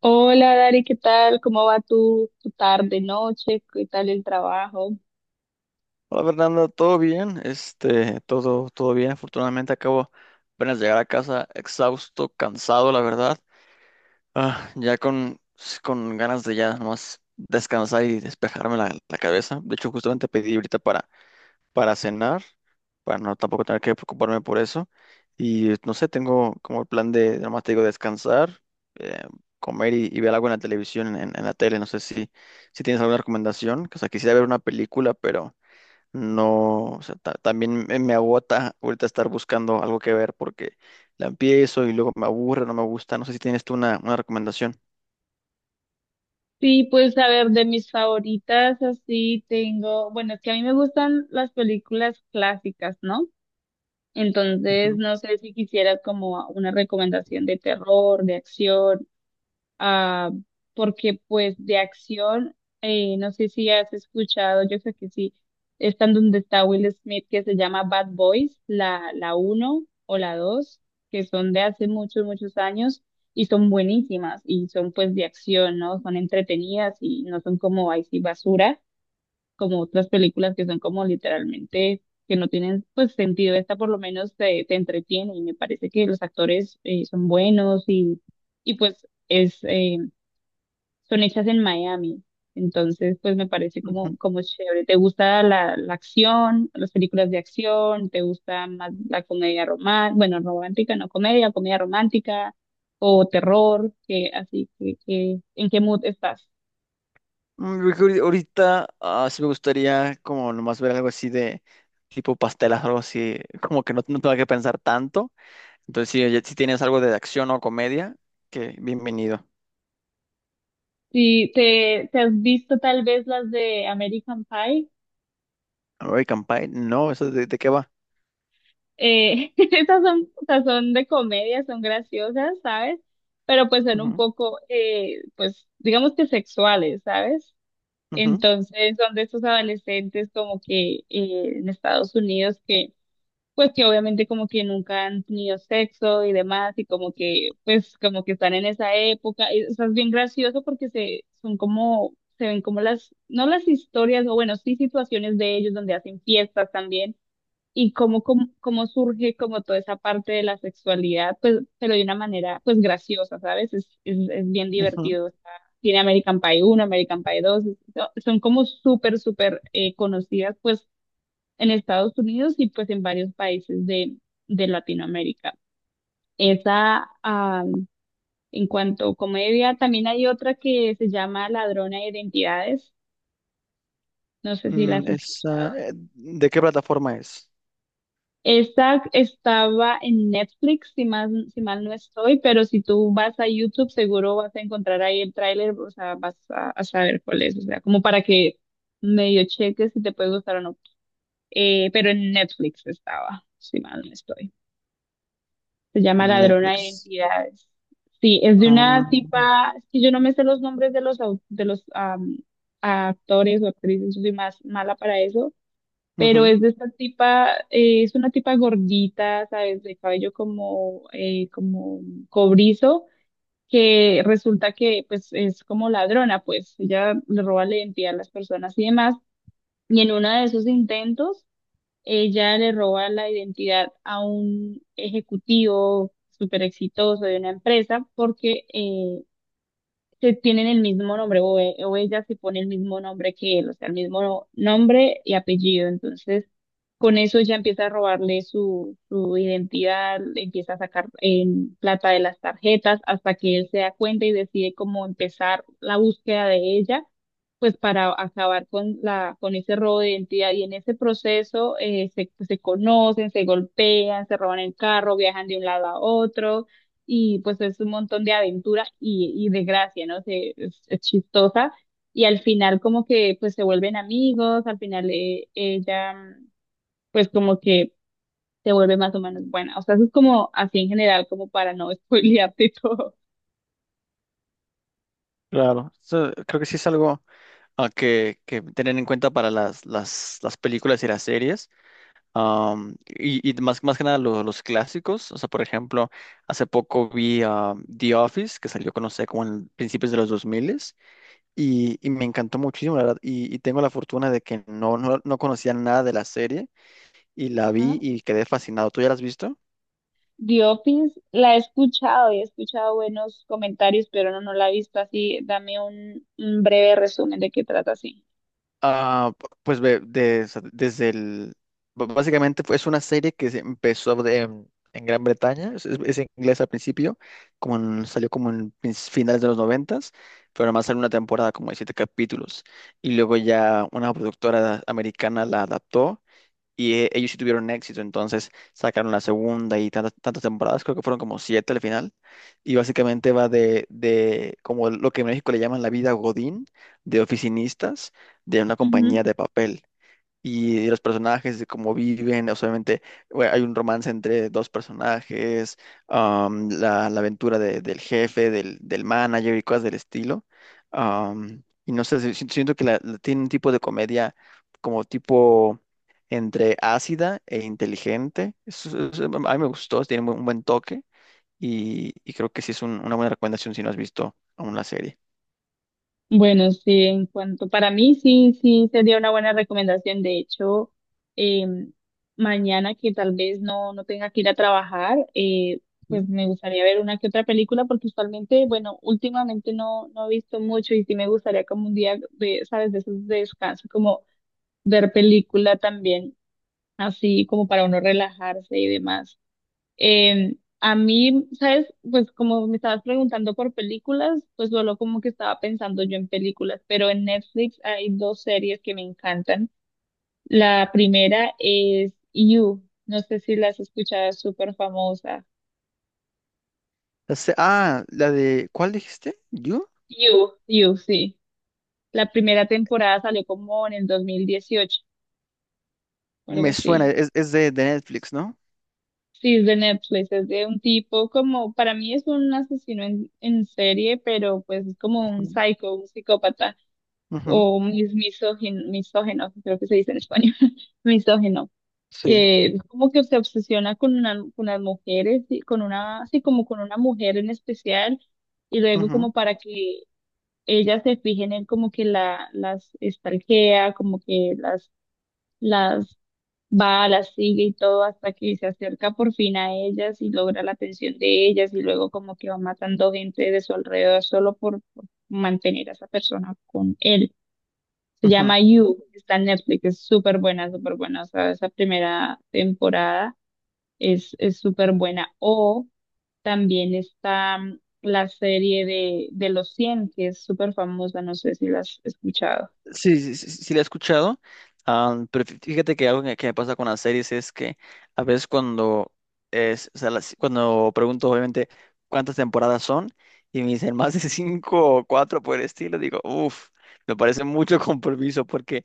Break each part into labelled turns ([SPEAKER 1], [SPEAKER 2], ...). [SPEAKER 1] Hola Dari, ¿qué tal? ¿Cómo va tu tarde, noche? ¿Qué tal el trabajo?
[SPEAKER 2] Hola Fernando, ¿todo bien? Todo bien. Afortunadamente acabo apenas de llegar a casa exhausto, cansado, la verdad. Ah, ya con, con ganas de ya nomás descansar y despejarme la cabeza. De hecho, justamente pedí ahorita para cenar, para no tampoco tener que preocuparme por eso. Y no sé, tengo como el plan de, nomás te digo, descansar, eh, comer y ver algo en la televisión, en la tele. No sé si tienes alguna recomendación. O sea, quisiera ver una película, pero... No, o sea, también me agota ahorita estar buscando algo que ver porque la empiezo y luego me aburre, no me gusta. No sé si tienes tú una recomendación.
[SPEAKER 1] Sí, pues a ver, de mis favoritas así tengo, bueno, es que a mí me gustan las películas clásicas, ¿no? Entonces,
[SPEAKER 2] Ujú,
[SPEAKER 1] no sé si quisieras como una recomendación de terror, de acción. ah, Porque pues de acción, no sé si has escuchado, yo creo que sí, están donde está Will Smith, que se llama Bad Boys, la uno o la dos, que son de hace muchos, muchos años, y son buenísimas y son pues de acción, ¿no? Son entretenidas y no son como ahí sí basura, como otras películas que son como literalmente, que no tienen pues sentido. Esta por lo menos te entretiene y me parece que los actores son buenos y, pues es, son hechas en Miami. Entonces, pues me parece como,
[SPEAKER 2] ujú.
[SPEAKER 1] como chévere. ¿Te gusta la acción, las películas de acción? ¿Te gusta más la comedia romántica? Bueno, romántica, no comedia, comedia romántica o terror, que así, ¿en qué mood estás?
[SPEAKER 2] Yo creo que ahorita sí me gustaría como nomás ver algo así de tipo pastelas, algo así, como que no tenga que pensar tanto. Entonces, oye, si tienes algo de acción o comedia, que bienvenido.
[SPEAKER 1] Sí, te has visto tal vez las de American Pie.
[SPEAKER 2] American Pie, no, ¿eso de qué va?
[SPEAKER 1] Esas son, o sea, son de comedia, son graciosas, ¿sabes? Pero pues son un
[SPEAKER 2] Ujú,
[SPEAKER 1] poco, pues digamos que sexuales, ¿sabes?
[SPEAKER 2] ujú,
[SPEAKER 1] Entonces son de estos adolescentes como que en Estados Unidos, que pues que obviamente como que nunca han tenido sexo y demás, y como que pues como que están en esa época. Y, o sea, es bien gracioso porque se son como se ven como las no las historias, o bueno, sí situaciones de ellos donde hacen fiestas también, y cómo surge como toda esa parte de la sexualidad, pues, pero de una manera pues graciosa, ¿sabes? Es bien
[SPEAKER 2] ujú.
[SPEAKER 1] divertido. O sea, tiene American Pie uno, American Pie dos, son como súper, súper conocidas pues en Estados Unidos y pues en varios países de Latinoamérica. Esa, en cuanto a comedia, también hay otra que se llama Ladrona de Identidades. No sé si las escuchas.
[SPEAKER 2] Esa, ¿de qué plataforma es?
[SPEAKER 1] Esa estaba en Netflix, si mal no estoy, pero si tú vas a YouTube seguro vas a encontrar ahí el tráiler, o sea, vas a saber cuál es, o sea, como para que medio cheques si te puede gustar o no. Pero en Netflix estaba, si mal no estoy. Se llama
[SPEAKER 2] En
[SPEAKER 1] Ladrona de
[SPEAKER 2] Netflix.
[SPEAKER 1] Identidades. Sí, es de
[SPEAKER 2] Ah,
[SPEAKER 1] una tipa, es que yo no me sé los nombres de los, de los actores o actrices, yo soy más mala para eso, pero
[SPEAKER 2] ujú,
[SPEAKER 1] es de esta tipa, es una tipa gordita, ¿sabes? De cabello como, como cobrizo, que resulta que pues es como ladrona, pues ella le roba la identidad a las personas y demás, y en uno de esos intentos, ella le roba la identidad a un ejecutivo súper exitoso de una empresa porque se tienen el mismo nombre, o, o ella se pone el mismo nombre que él, o sea, el mismo nombre y apellido. Entonces, con eso ya empieza a robarle su, identidad, le empieza a sacar plata de las tarjetas, hasta que él se da cuenta y decide cómo empezar la búsqueda de ella, pues para acabar con ese robo de identidad. Y en ese proceso se conocen, se golpean, se roban el carro, viajan de un lado a otro, y pues es un montón de aventura y de gracia, ¿no? Se, es chistosa, y al final como que pues se vuelven amigos. Al final ella pues como que te vuelve más o menos buena. O sea, eso es como así en general, como para no spoilearte todo.
[SPEAKER 2] claro, so, creo que sí es algo que tener en cuenta para las películas y las series. Y más que nada los clásicos. O sea, por ejemplo, hace poco vi The Office, que salió, no sé, como en principios de los 2000 y me encantó muchísimo, la verdad. Y tengo la fortuna de que no conocía nada de la serie y la
[SPEAKER 1] Ajá.
[SPEAKER 2] vi y quedé fascinado. ¿Tú ya la has visto?
[SPEAKER 1] The Office la he escuchado y he escuchado buenos comentarios, pero no la he visto así. Dame un breve resumen de qué trata así.
[SPEAKER 2] Ah, pues desde el... Básicamente es una serie que se empezó en Gran Bretaña, es en inglés al principio, como salió como en finales de los noventas, pero además salió una temporada como de siete capítulos. Y luego ya una productora americana la adaptó y ellos sí tuvieron éxito, entonces sacaron la segunda y tantas temporadas, creo que fueron como siete al final. Y básicamente va de como lo que en México le llaman la vida Godín, de oficinistas de una compañía de papel y de los personajes, de cómo viven, o sea, obviamente bueno, hay un romance entre dos personajes, la aventura del jefe, del manager y cosas del estilo. Y no sé, siento que tiene un tipo de comedia como tipo entre ácida e inteligente. Es- a mí me gustó, tiene un buen toque y creo que sí es una buena recomendación si no has visto aún la serie.
[SPEAKER 1] Bueno, sí, en cuanto para mí, sí, sí, sería una buena recomendación. De hecho, eh, mañana que tal vez no tenga que ir a trabajar,
[SPEAKER 2] Sí.
[SPEAKER 1] pues me gustaría ver una que otra película, porque usualmente, bueno, últimamente no he visto mucho, y sí me gustaría como un día de, ¿sabes? De esos de descanso, como ver película también, así como para uno relajarse y demás. A mí, ¿sabes? Pues como me estabas preguntando por películas, pues solo como que estaba pensando yo en películas, pero en Netflix hay dos series que me encantan. La primera es You, no sé si la has escuchado, es súper famosa.
[SPEAKER 2] La se- ah, la de, ¿Cuál dijiste? ¿You?
[SPEAKER 1] You, You, sí. La primera temporada salió como en el 2018 o algo
[SPEAKER 2] Me suena,
[SPEAKER 1] así.
[SPEAKER 2] es de Netflix, ¿no?
[SPEAKER 1] Sí, es de Netflix, es de un tipo como, para mí es un asesino en, serie, pero pues es como un
[SPEAKER 2] Ujú,
[SPEAKER 1] psycho, un psicópata.
[SPEAKER 2] ujú,
[SPEAKER 1] O misógino, misógeno, creo que se dice en español, misógeno,
[SPEAKER 2] sí.
[SPEAKER 1] que como que se obsesiona con una, con las mujeres, y con una, así como con una mujer en especial, y luego,
[SPEAKER 2] Ujú,
[SPEAKER 1] como para que ellas se fijen en él, como que las estalquea, como que las va, las sigue y todo, hasta que se acerca por fin a ellas y logra la atención de ellas, y luego como que va matando gente de su alrededor solo por mantener a esa persona con él. Se
[SPEAKER 2] ujú.
[SPEAKER 1] llama You, está en Netflix, es súper buena, súper buena. O sea, esa primera temporada es, súper buena. O también está la serie de Los cien, que es súper famosa, no sé si la has escuchado.
[SPEAKER 2] Sí, sí, sí, sí sí la he escuchado, pero fíjate que algo que me pasa con las series es que a veces cuando es, o sea, cuando pregunto obviamente cuántas temporadas son y me dicen más de cinco o cuatro por el estilo, digo, uff, me parece mucho compromiso porque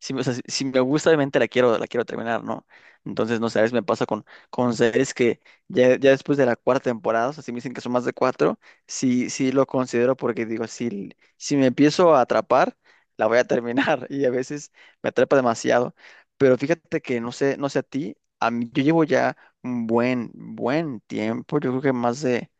[SPEAKER 2] o sea, si me gusta obviamente la quiero terminar, ¿no? Entonces, no sé, a veces me pasa con, series que ya, ya después de la cuarta temporada, o sea, si me dicen que son más de cuatro, sí, sí lo considero porque digo, si me empiezo a atrapar la voy a terminar y a veces me atrapa demasiado. Pero fíjate que no sé, no sé a ti, a mí, yo llevo ya un buen, buen tiempo, yo creo que más de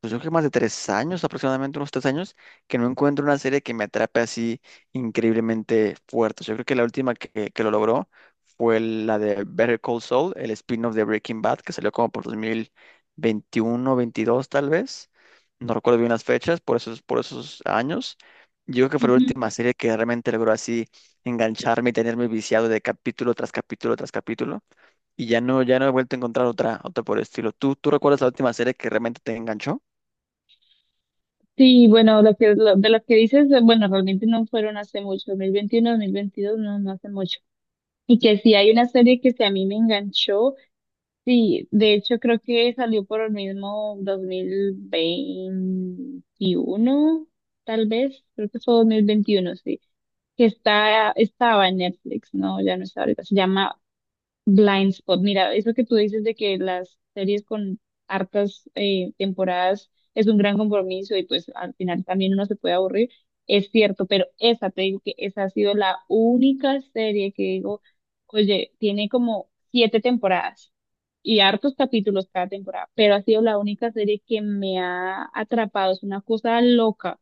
[SPEAKER 2] pues yo creo que más de 3 años, aproximadamente unos 3 años, que no encuentro una serie que me atrape así increíblemente fuerte. Yo creo que la última que lo logró fue la de Better Call Saul, el spin-off de Breaking Bad, que salió como por 2021, 22 tal vez. No recuerdo bien las fechas, por esos años. Yo creo que fue la
[SPEAKER 1] Ujú.
[SPEAKER 2] última serie que realmente logró así engancharme y tenerme viciado de capítulo tras capítulo tras capítulo. Y ya no, ya no he vuelto a encontrar otra por el estilo. Tú recuerdas la última serie que realmente te enganchó?
[SPEAKER 1] Sí, bueno, de lo que dices, bueno, realmente no fueron hace mucho, dos mil veintiuno, 2022, no hace mucho. Y que sí hay una serie que sí a mí me enganchó. Sí, de hecho creo que salió por el mismo 2021, tal vez, creo que fue 2021, sí, que estaba en Netflix, no, ya no está ahorita, se llama Blind Spot. Mira, eso que tú dices de que las series con hartas temporadas es un gran compromiso, y pues al final también uno se puede aburrir, es cierto, pero esa, te digo que esa ha sido la única serie que digo, oye, tiene como siete temporadas y hartos capítulos cada temporada, pero ha sido la única serie que me ha atrapado, es una cosa loca,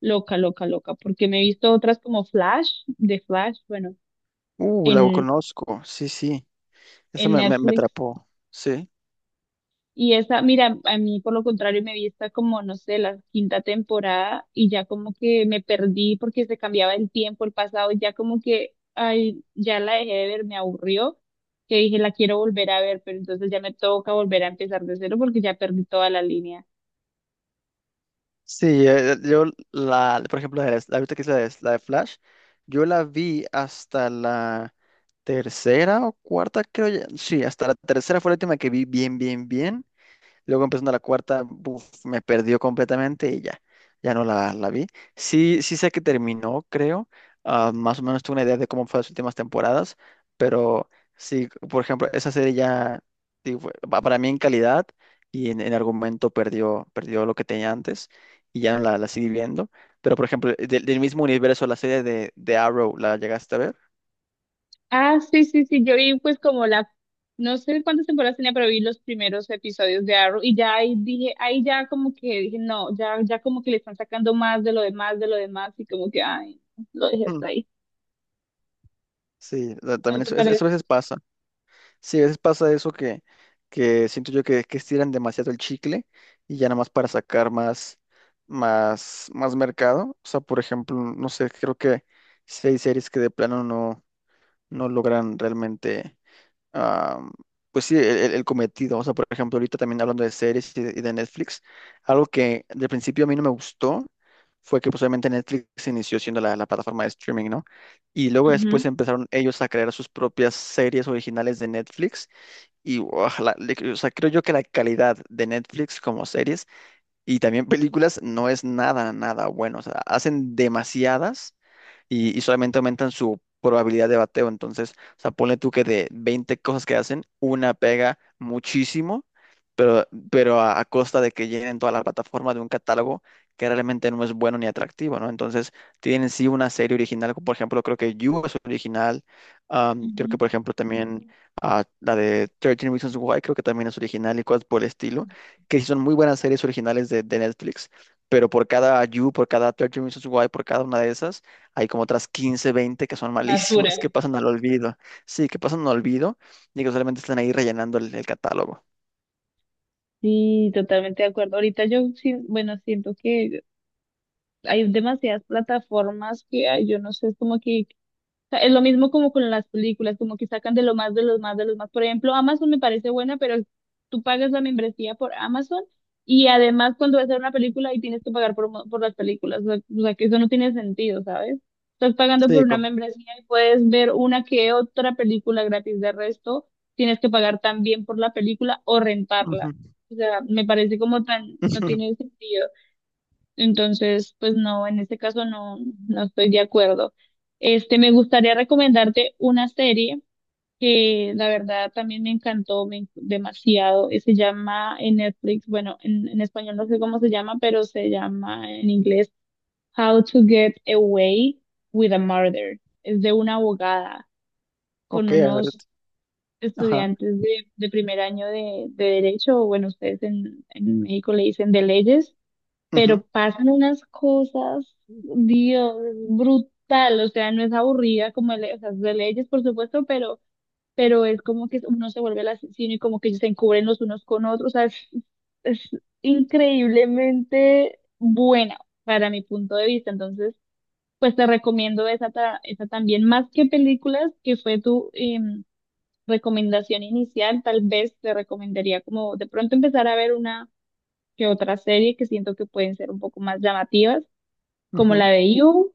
[SPEAKER 1] loca, loca, loca, porque me he visto otras como Flash, de Flash, bueno,
[SPEAKER 2] La
[SPEAKER 1] en,
[SPEAKER 2] conozco, sí, sí, esa
[SPEAKER 1] en
[SPEAKER 2] me
[SPEAKER 1] Netflix.
[SPEAKER 2] atrapó, sí.
[SPEAKER 1] Y esa, mira, a mí por lo contrario me vi esta como, no sé, la quinta temporada, y ya como que me perdí porque se cambiaba el tiempo, el pasado, y ya como que, ay, ya la dejé de ver, me aburrió, que dije, la quiero volver a ver, pero entonces ya me toca volver a empezar de cero porque ya perdí toda la línea.
[SPEAKER 2] Sí, yo la, por ejemplo, la, la ahorita que es la de Flash, yo la vi hasta la tercera o cuarta, creo ya, sí, hasta la tercera fue la última que vi bien, bien, bien. Luego empezando la cuarta, buf, me perdió completamente y ya, ya no la vi. Sí, sí sé que terminó, creo. Más o menos tuve una idea de cómo fue las últimas temporadas, pero sí, por ejemplo, esa serie ya, sí, para mí en calidad y en argumento perdió lo que tenía antes y ya no la seguí viendo. Pero, por ejemplo, del mismo universo, la serie de Arrow, ¿la llegaste a ver?
[SPEAKER 1] Ah, sí, sí, sí, yo vi pues como la, no sé cuántas temporadas tenía, pero vi los primeros episodios de Arrow, y ya ahí dije, ahí ya como que dije, no, ya, como que le están sacando más de lo demás, de lo demás, y como que, ay, no, lo dejé
[SPEAKER 2] Mm,
[SPEAKER 1] hasta ahí.
[SPEAKER 2] sí,
[SPEAKER 1] ¿No
[SPEAKER 2] también
[SPEAKER 1] te
[SPEAKER 2] eso a
[SPEAKER 1] parece?
[SPEAKER 2] veces pasa. Sí, a veces pasa eso que siento yo que estiran demasiado el chicle y ya nada más para sacar más, más, más mercado. O sea, por ejemplo, no sé, creo que sí hay series que de plano no logran realmente, ah, pues sí, el cometido. O sea, por ejemplo, ahorita también hablando de series y de Netflix, algo que de principio a mí no me gustó fue que pues obviamente Netflix inició siendo la plataforma de streaming, ¿no? Y luego después
[SPEAKER 1] Ujú,
[SPEAKER 2] empezaron ellos a crear sus propias series originales de Netflix y ojalá, o sea, creo yo que la calidad de Netflix como series y también películas no es nada, nada bueno. O sea, hacen demasiadas y solamente aumentan su probabilidad de bateo. Entonces, o sea, ponle tú que de 20 cosas que hacen, una pega muchísimo, pero a costa de que llenen toda la plataforma de un catálogo que realmente no es bueno ni atractivo, ¿no? Entonces, tienen sí una serie original, como por ejemplo, creo que You es original, creo que
[SPEAKER 1] ujú.
[SPEAKER 2] por ejemplo también la de 13 Reasons Why, creo que también es original y cosas por el estilo, que sí son muy buenas series originales de Netflix pero por cada You, por cada 13 Reasons Why, por cada una de esas, hay como otras 15, 20 que son
[SPEAKER 1] Basura.
[SPEAKER 2] malísimas, que pasan al olvido. Sí, que pasan al olvido y que solamente están ahí rellenando el catálogo.
[SPEAKER 1] Sí, totalmente de acuerdo. Ahorita yo, sí, bueno, siento que hay demasiadas plataformas que hay, yo no sé, es como que sea, es lo mismo como con las películas, como que sacan de lo más, de los más, de los más. Por ejemplo, Amazon me parece buena, pero tú pagas la membresía por Amazon, y además cuando vas a ver una película y tienes que pagar por las películas. O sea, que eso no tiene sentido, ¿sabes? Estás pagando por
[SPEAKER 2] Sí,
[SPEAKER 1] una
[SPEAKER 2] con...
[SPEAKER 1] membresía y puedes ver una que otra película gratis. De resto, tienes que pagar también por la película o
[SPEAKER 2] Ujú,
[SPEAKER 1] rentarla. O sea, me parece como tan, no
[SPEAKER 2] ujú.
[SPEAKER 1] tiene sentido. Entonces, pues no, en este caso no, estoy de acuerdo. Este, me gustaría recomendarte una serie que la verdad también me encantó demasiado. Y se llama en Netflix, bueno, en español no sé cómo se llama, pero se llama en inglés How to Get Away with a Murder. Es de una abogada con
[SPEAKER 2] Ok, a ver.
[SPEAKER 1] unos
[SPEAKER 2] Ajá.
[SPEAKER 1] estudiantes de, primer año de derecho, o bueno, ustedes en México le dicen de leyes, pero
[SPEAKER 2] Ujú,
[SPEAKER 1] pasan unas cosas, Dios, es brutal, o sea, no es aburrida como, de, o sea, es de leyes, por supuesto, pero, es como que uno se vuelve el asesino y como que se encubren los unos con otros, o sea, es increíblemente buena para mi punto de vista. Entonces, pues te recomiendo esa, esa también. Más que películas, que fue tu recomendación inicial, tal vez te recomendaría como de pronto empezar a ver una que otra serie que siento que pueden ser un poco más llamativas, como la
[SPEAKER 2] ujú.
[SPEAKER 1] de You.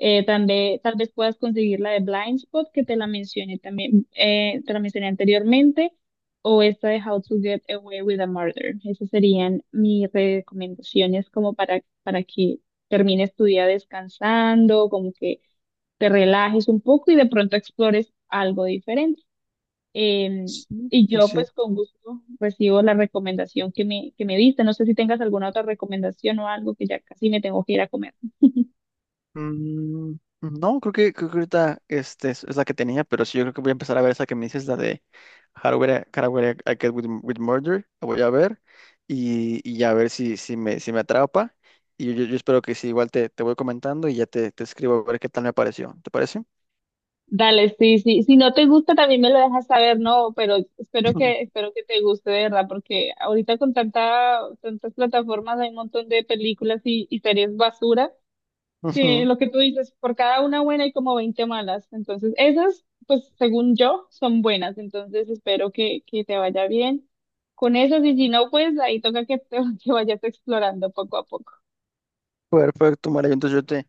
[SPEAKER 1] Tal vez, puedas conseguir la de Blind Spot, que te la mencioné también, te la mencioné anteriormente, o esta de How to Get Away with a Murder. Esas serían mis recomendaciones como para, que termines tu día descansando, como que te relajes un poco y de pronto explores algo diferente. Em,
[SPEAKER 2] Sí,
[SPEAKER 1] y
[SPEAKER 2] sí,
[SPEAKER 1] yo
[SPEAKER 2] sí.
[SPEAKER 1] pues con gusto recibo la recomendación que me diste. No sé si tengas alguna otra recomendación o algo, que ya casi me tengo que ir a comer.
[SPEAKER 2] Mm, no, creo que ahorita es la que tenía, pero sí, yo creo que voy a empezar a ver esa que me dices, la de Hardware I Get with Murder, la voy a ver y ya a ver si me atrapa. Y yo espero que sí, igual te voy comentando y ya te escribo a ver qué tal me pareció. ¿Te parece?
[SPEAKER 1] Dale, sí, sí. Si no te gusta, también me lo dejas saber, ¿no? Pero espero
[SPEAKER 2] Ujú.
[SPEAKER 1] que, espero que te guste, de verdad, porque ahorita con tanta, tantas plataformas hay un montón de películas y series basura, que
[SPEAKER 2] Ujú.
[SPEAKER 1] lo que tú dices, por cada una buena hay como 20 malas. Entonces, esas, pues según yo, son buenas. Entonces, espero que te vaya bien con esas. Y si no, pues ahí toca que vayas explorando poco a poco.
[SPEAKER 2] Perfecto, María. Entonces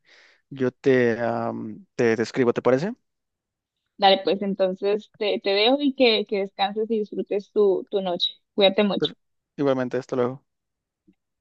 [SPEAKER 2] yo te, am, te escribo, ¿te parece?
[SPEAKER 1] Dale, pues entonces te, dejo, y que descanses y disfrutes tu, noche. Cuídate mucho.
[SPEAKER 2] Pero igualmente, hasta luego.